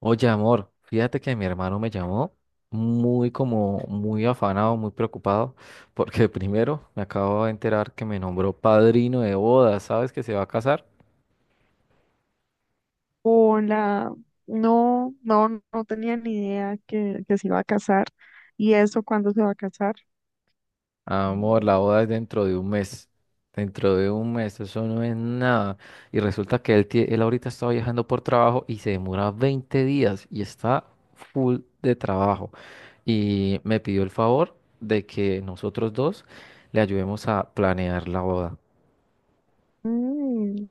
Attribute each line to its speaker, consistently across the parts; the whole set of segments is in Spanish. Speaker 1: Oye, amor, fíjate que mi hermano me llamó muy como muy afanado, muy preocupado, porque primero me acabo de enterar que me nombró padrino de boda. ¿Sabes que se va a casar?
Speaker 2: Hola, no, no, no, tenía ni idea que se iba a casar. ¿Y eso cuándo se va a casar?
Speaker 1: Amor, la boda es dentro de un mes. Dentro de un mes, eso no es nada. Y resulta que él, él ahorita está viajando por trabajo y se demora 20 días y está full de trabajo. Y me pidió el favor de que nosotros dos le ayudemos a planear la boda.
Speaker 2: Mm,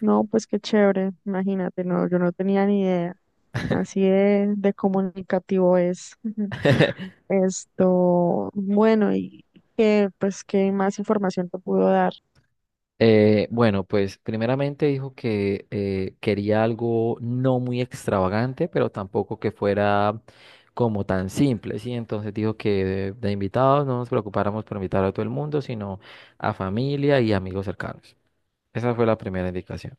Speaker 2: no, pues qué chévere, imagínate, no, yo no tenía ni idea. Así de comunicativo es. Ujú. Esto, bueno, y que, pues, ¿qué más información te pudo dar?
Speaker 1: Bueno, pues primeramente dijo que quería algo no muy extravagante, pero tampoco que fuera como tan simple, ¿sí? Entonces dijo que de invitados no nos preocupáramos por invitar a todo el mundo, sino a familia y amigos cercanos. Esa fue la primera indicación.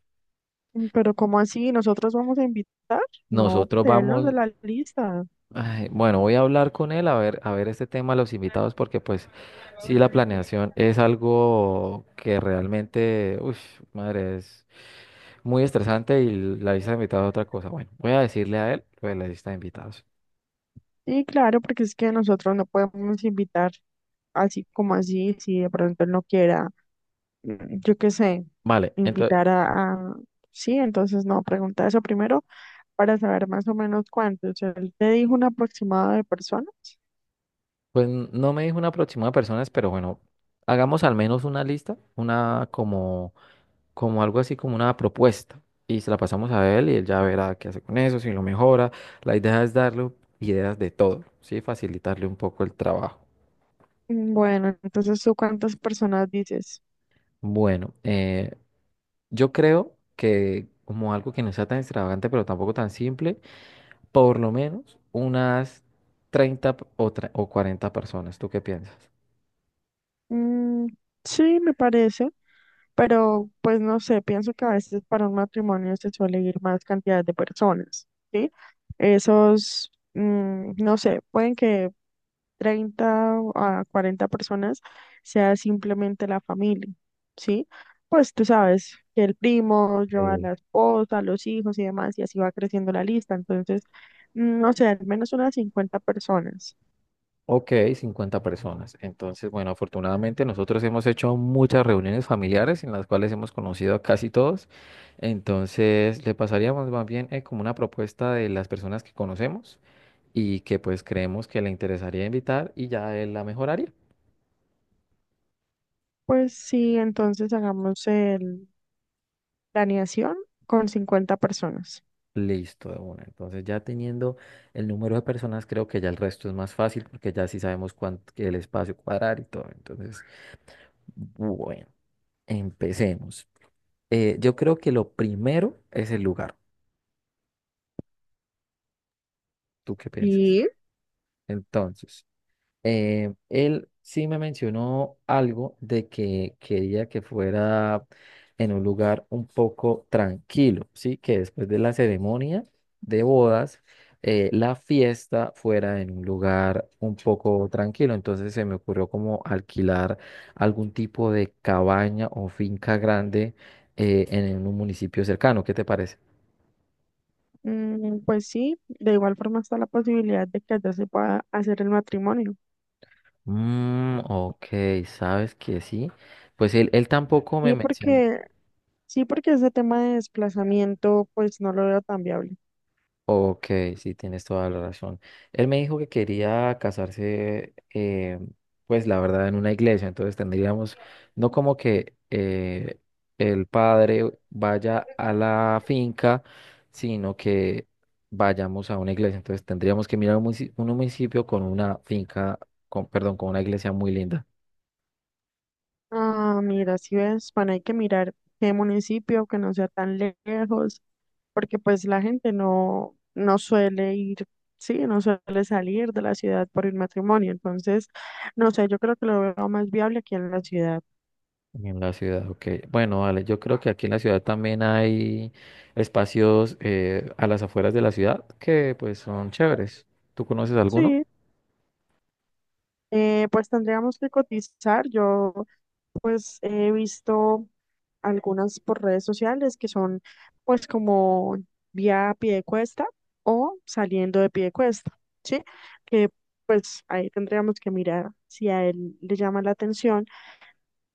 Speaker 2: Pero ¿cómo así? ¿Nosotros vamos a invitar? No,
Speaker 1: Nosotros
Speaker 2: pues, él no es de
Speaker 1: vamos,
Speaker 2: la lista.
Speaker 1: ay, bueno, voy a hablar con él a ver este tema, de los invitados, porque pues sí, la planeación es algo que realmente, uff, madre, es. Muy estresante, y la lista de invitados es otra cosa. Bueno, voy a decirle a él lo de la lista de invitados.
Speaker 2: Sí, claro, porque es que nosotros no podemos invitar así como así, si de pronto él no quiera, yo qué sé,
Speaker 1: Vale, entonces,
Speaker 2: invitar a, a- sí, entonces no, pregunta eso primero para saber más o menos cuántos. Él te dijo un aproximado de personas.
Speaker 1: pues no me dijo una aproximada de personas, pero bueno, hagamos al menos una lista, una como, como algo así como una propuesta. Y se la pasamos a él y él ya verá qué hace con eso, si lo mejora. La idea es darle ideas de todo, ¿sí? Facilitarle un poco el trabajo.
Speaker 2: Bueno, entonces tú cuántas personas dices.
Speaker 1: Bueno, yo creo que como algo que no sea tan extravagante, pero tampoco tan simple. Por lo menos unas treinta o 40 personas. ¿Tú qué piensas?
Speaker 2: Mm, sí, me parece, pero pues no sé, pienso que a veces para un matrimonio se suele ir más cantidad de personas, ¿sí? Esos, no sé, pueden que 30 a 40 personas sea simplemente la familia, ¿sí? Pues tú sabes que el primo lleva a
Speaker 1: Eh,
Speaker 2: la esposa, los hijos y demás, y así va creciendo la lista. Entonces, no sé, al menos unas 50 personas.
Speaker 1: Ok, 50 personas. Entonces, bueno, afortunadamente nosotros hemos hecho muchas reuniones familiares en las cuales hemos conocido a casi todos. Entonces, le pasaríamos más bien como una propuesta de las personas que conocemos y que pues creemos que le interesaría invitar y ya él la mejoraría.
Speaker 2: Pues sí, entonces hagamos el planeación con 50 personas.
Speaker 1: Listo, de una. Entonces, ya teniendo el número de personas, creo que ya el resto es más fácil porque ya sí sabemos cuánto, que el espacio cuadrar y todo. Entonces, bueno, empecemos. Yo creo que lo primero es el lugar. ¿Tú qué piensas?
Speaker 2: Sí.
Speaker 1: Entonces, él sí me mencionó algo de que quería que fuera en un lugar un poco tranquilo, ¿sí? Que después de la ceremonia de bodas, la fiesta fuera en un lugar un poco tranquilo. Entonces se me ocurrió como alquilar algún tipo de cabaña o finca grande en un municipio cercano. ¿Qué te parece?
Speaker 2: Pues sí, de igual forma está la posibilidad de que allá se pueda hacer el matrimonio.
Speaker 1: Mm, ok, sabes que sí. Pues él tampoco me
Speaker 2: Sí,
Speaker 1: mencionó.
Speaker 2: porque Sí, porque ese tema de desplazamiento, pues no lo veo tan viable.
Speaker 1: Ok, sí, tienes toda la razón. Él me dijo que quería casarse, pues la verdad, en una iglesia, entonces tendríamos, no como que el padre vaya a la finca, sino que vayamos a una iglesia. Entonces tendríamos que mirar un municipio con una finca, con, perdón, con una iglesia muy linda.
Speaker 2: Ah, mira, si ves, bueno, hay que mirar qué municipio, que no sea tan lejos, porque pues la gente no suele ir, sí, no suele salir de la ciudad por el matrimonio. Entonces, no sé, yo creo que lo veo más viable aquí en la ciudad.
Speaker 1: En la ciudad, ok. Bueno, vale, yo creo que aquí en la ciudad también hay espacios a las afueras de la ciudad que pues son chéveres. ¿Tú conoces alguno?
Speaker 2: Sí. Pues tendríamos que cotizar. Yo pues he visto algunas por redes sociales que son pues como vía cuesta o saliendo de cuesta, ¿sí? Que pues ahí tendríamos que mirar si a él le llama la atención.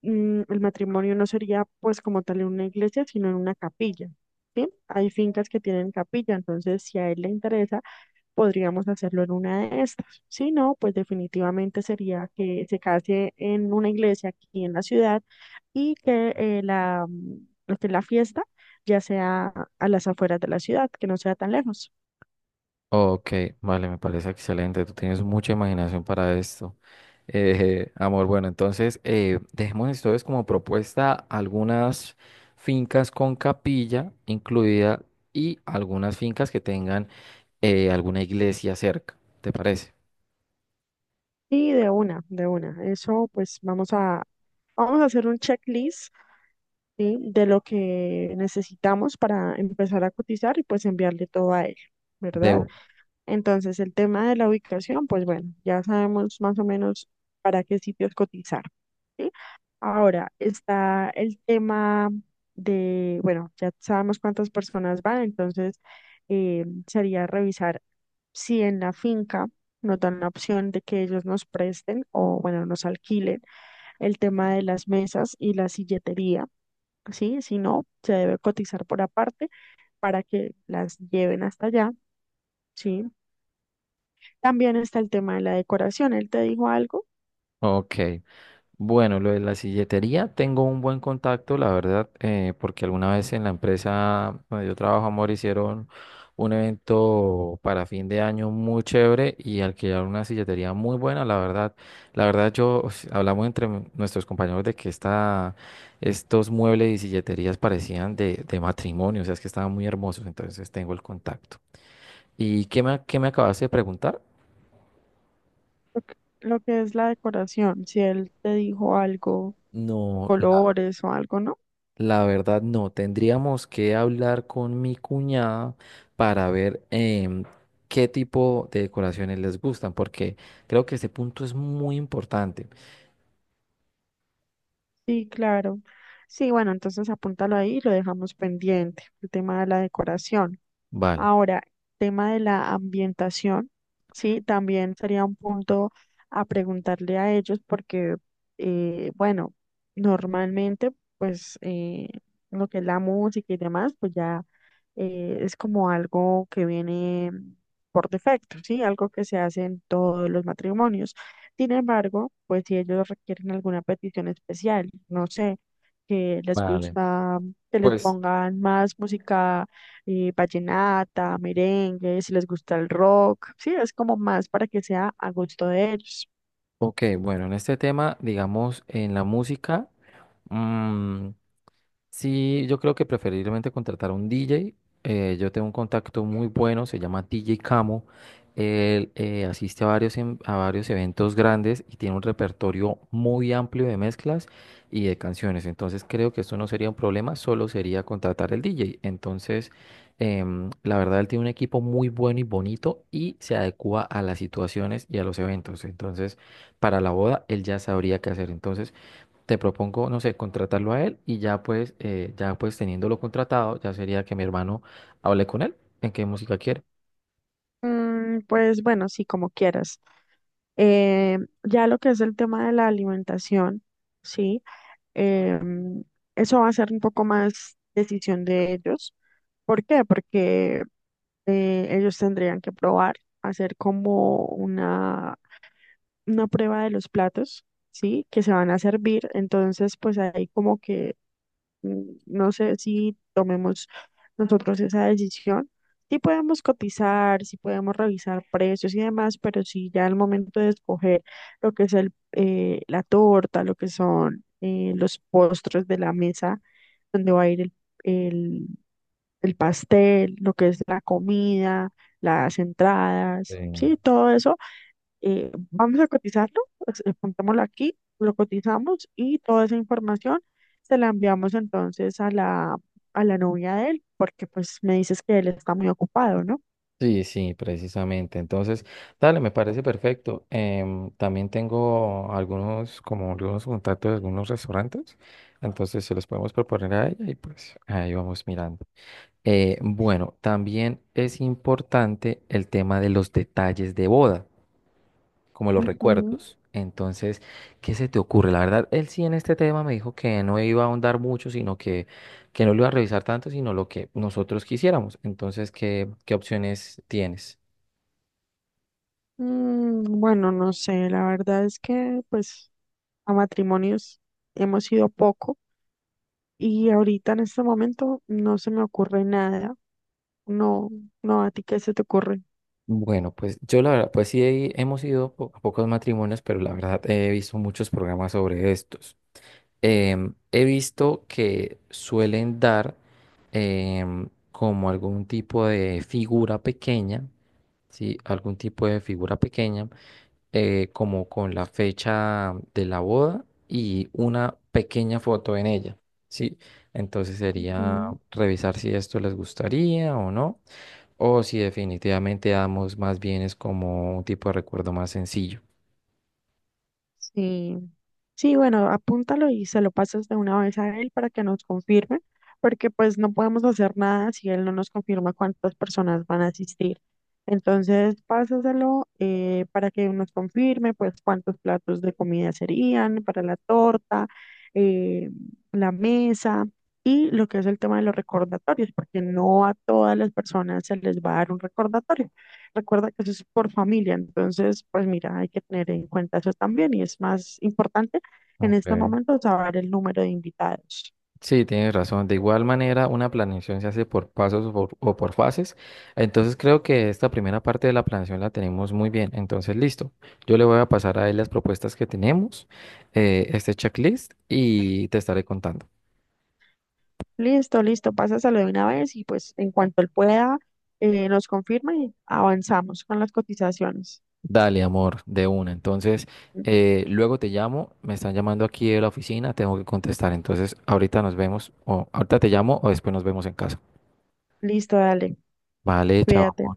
Speaker 2: El matrimonio no sería pues como tal en una iglesia, sino en una capilla, ¿sí? Hay fincas que tienen capilla, entonces si a él le interesa podríamos hacerlo en una de estas. Si no, pues definitivamente sería que se case en una iglesia aquí en la ciudad y que la, este, la fiesta ya sea a las afueras de la ciudad, que no sea tan lejos.
Speaker 1: Ok, vale, me parece excelente. Tú tienes mucha imaginación para esto. Amor, bueno, entonces dejemos entonces como propuesta algunas fincas con capilla incluida y algunas fincas que tengan alguna iglesia cerca. ¿Te parece?
Speaker 2: Y de una, de una. Eso pues vamos a hacer un checklist, ¿sí?, de lo que necesitamos para empezar a cotizar y pues enviarle todo a él, ¿verdad?
Speaker 1: Debo.
Speaker 2: Entonces, el tema de la ubicación, pues bueno, ya sabemos más o menos para qué sitios cotizar, ¿sí? Ahora está el tema de, bueno, ya sabemos cuántas personas van, entonces sería revisar si en la finca nos dan la opción de que ellos nos presten o, bueno, nos alquilen el tema de las mesas y la silletería, ¿sí? Si no, se debe cotizar por aparte para que las lleven hasta allá, ¿sí? También está el tema de la decoración. Él te dijo algo,
Speaker 1: Ok. Bueno, lo de la silletería, tengo un buen contacto, la verdad, porque alguna vez en la empresa donde yo trabajo, amor, hicieron un evento para fin de año muy chévere y alquilaron una silletería muy buena, la verdad. La verdad, yo pues, hablamos entre nuestros compañeros de que estos muebles y silleterías parecían de matrimonio, o sea, es que estaban muy hermosos, entonces tengo el contacto. ¿Y qué me acabaste de preguntar?
Speaker 2: lo que, lo que es la decoración. Si él te dijo algo,
Speaker 1: No.
Speaker 2: colores o algo, ¿no?
Speaker 1: La verdad no, tendríamos que hablar con mi cuñada para ver qué tipo de decoraciones les gustan, porque creo que ese punto es muy importante.
Speaker 2: Sí, claro. Sí, bueno, entonces apúntalo ahí y lo dejamos pendiente, el tema de la decoración.
Speaker 1: Vale,
Speaker 2: Ahora, tema de la ambientación, sí, también sería un punto a preguntarle a ellos porque, bueno, normalmente, pues, lo que es la música y demás, pues ya es como algo que viene por defecto, ¿sí? Algo que se hace en todos los matrimonios. Sin embargo, pues si ellos requieren alguna petición especial, no sé, que les
Speaker 1: vale.
Speaker 2: gusta que les
Speaker 1: Pues,
Speaker 2: pongan más música vallenata, merengue, si les gusta el rock, sí, es como más para que sea a gusto de ellos.
Speaker 1: ok, bueno, en este tema, digamos, en la música, mm, sí, yo creo que preferiblemente contratar a un DJ. Yo tengo un contacto muy bueno, se llama DJ Camo. Él asiste a varios eventos grandes y tiene un repertorio muy amplio de mezclas y de canciones. Entonces creo que esto no sería un problema, solo sería contratar el DJ. Entonces, la verdad, él tiene un equipo muy bueno y bonito y se adecua a las situaciones y a los eventos. Entonces, para la boda, él ya sabría qué hacer. Entonces, te propongo, no sé, contratarlo a él y ya pues, teniéndolo contratado, ya sería que mi hermano hable con él en qué música quiere.
Speaker 2: Pues bueno, sí, como quieras. Eh, ya lo que es el tema de la alimentación, sí. Eh, Eso va a ser un poco más decisión de ellos. ¿Por qué? Porque ellos tendrían que probar, hacer una prueba de los platos, ¿sí?, que se van a servir. Entonces, pues ahí como que no sé si tomemos nosotros esa decisión. Sí podemos cotizar, sí podemos revisar precios y demás, pero si ya al momento de escoger lo que es la torta, lo que son los postres de la mesa, donde va a ir el, el pastel, lo que es la comida, las
Speaker 1: Sí.
Speaker 2: entradas, sí, todo eso vamos a cotizarlo, pues, pongámoslo aquí, lo cotizamos y toda esa información se la enviamos entonces a a la novia de él, porque pues me dices que él está muy ocupado, ¿no?
Speaker 1: Sí, sí, precisamente. Entonces, dale, me parece perfecto. También tengo algunos, como algunos contactos de algunos restaurantes, entonces se los podemos proponer a ella y pues ahí vamos mirando. Bueno, también es importante el tema de los detalles de boda, como los
Speaker 2: Ujú.
Speaker 1: recuerdos. Entonces, ¿qué se te ocurre? La verdad, él sí en este tema me dijo que no iba a ahondar mucho, que no lo iba a revisar tanto, sino lo que nosotros quisiéramos. Entonces, qué opciones tienes?
Speaker 2: Bueno, no sé, la verdad es que pues a matrimonios hemos ido poco y ahorita en este momento no se me ocurre nada. No, no, ¿a ti qué se te ocurre?
Speaker 1: Bueno, pues yo la verdad, pues sí hemos ido a pocos matrimonios, pero la verdad he visto muchos programas sobre estos. He visto que suelen dar como algún tipo de figura pequeña, ¿sí? Algún tipo de figura pequeña como con la fecha de la boda y una pequeña foto en ella, ¿sí? Entonces sería
Speaker 2: Ujú.
Speaker 1: revisar si esto les gustaría o no, o si definitivamente damos más bien es como un tipo de recuerdo más sencillo.
Speaker 2: Sí, sí, bueno, apúntalo y se lo pasas de una vez a él para que nos confirme, porque pues no podemos hacer nada si él no nos confirma cuántas personas van a asistir. Entonces, pásaselo para que nos confirme, pues cuántos platos de comida serían para la torta, eh, la mesa y lo que es el tema de los recordatorios, porque no a todas las personas se les va a dar un recordatorio. Recuerda que eso es por familia, entonces, pues mira, hay que tener en cuenta eso también y es más importante en este
Speaker 1: Ok.
Speaker 2: momento saber el número de invitados.
Speaker 1: Sí, tienes razón. De igual manera, una planeación se hace por pasos o por fases. Entonces creo que esta primera parte de la planeación la tenemos muy bien. Entonces, listo. Yo le voy a pasar a él las propuestas que tenemos, este checklist, y te estaré contando.
Speaker 2: Listo, listo, pásaselo de una vez y pues en cuanto él pueda, nos confirma y avanzamos con las cotizaciones.
Speaker 1: Dale, amor, de una. Entonces, luego te llamo. Me están llamando aquí de la oficina. Tengo que contestar. Entonces, ahorita nos vemos, o ahorita te llamo, o después nos vemos en casa.
Speaker 2: Listo, dale,
Speaker 1: Vale,
Speaker 2: cuídate.
Speaker 1: chao.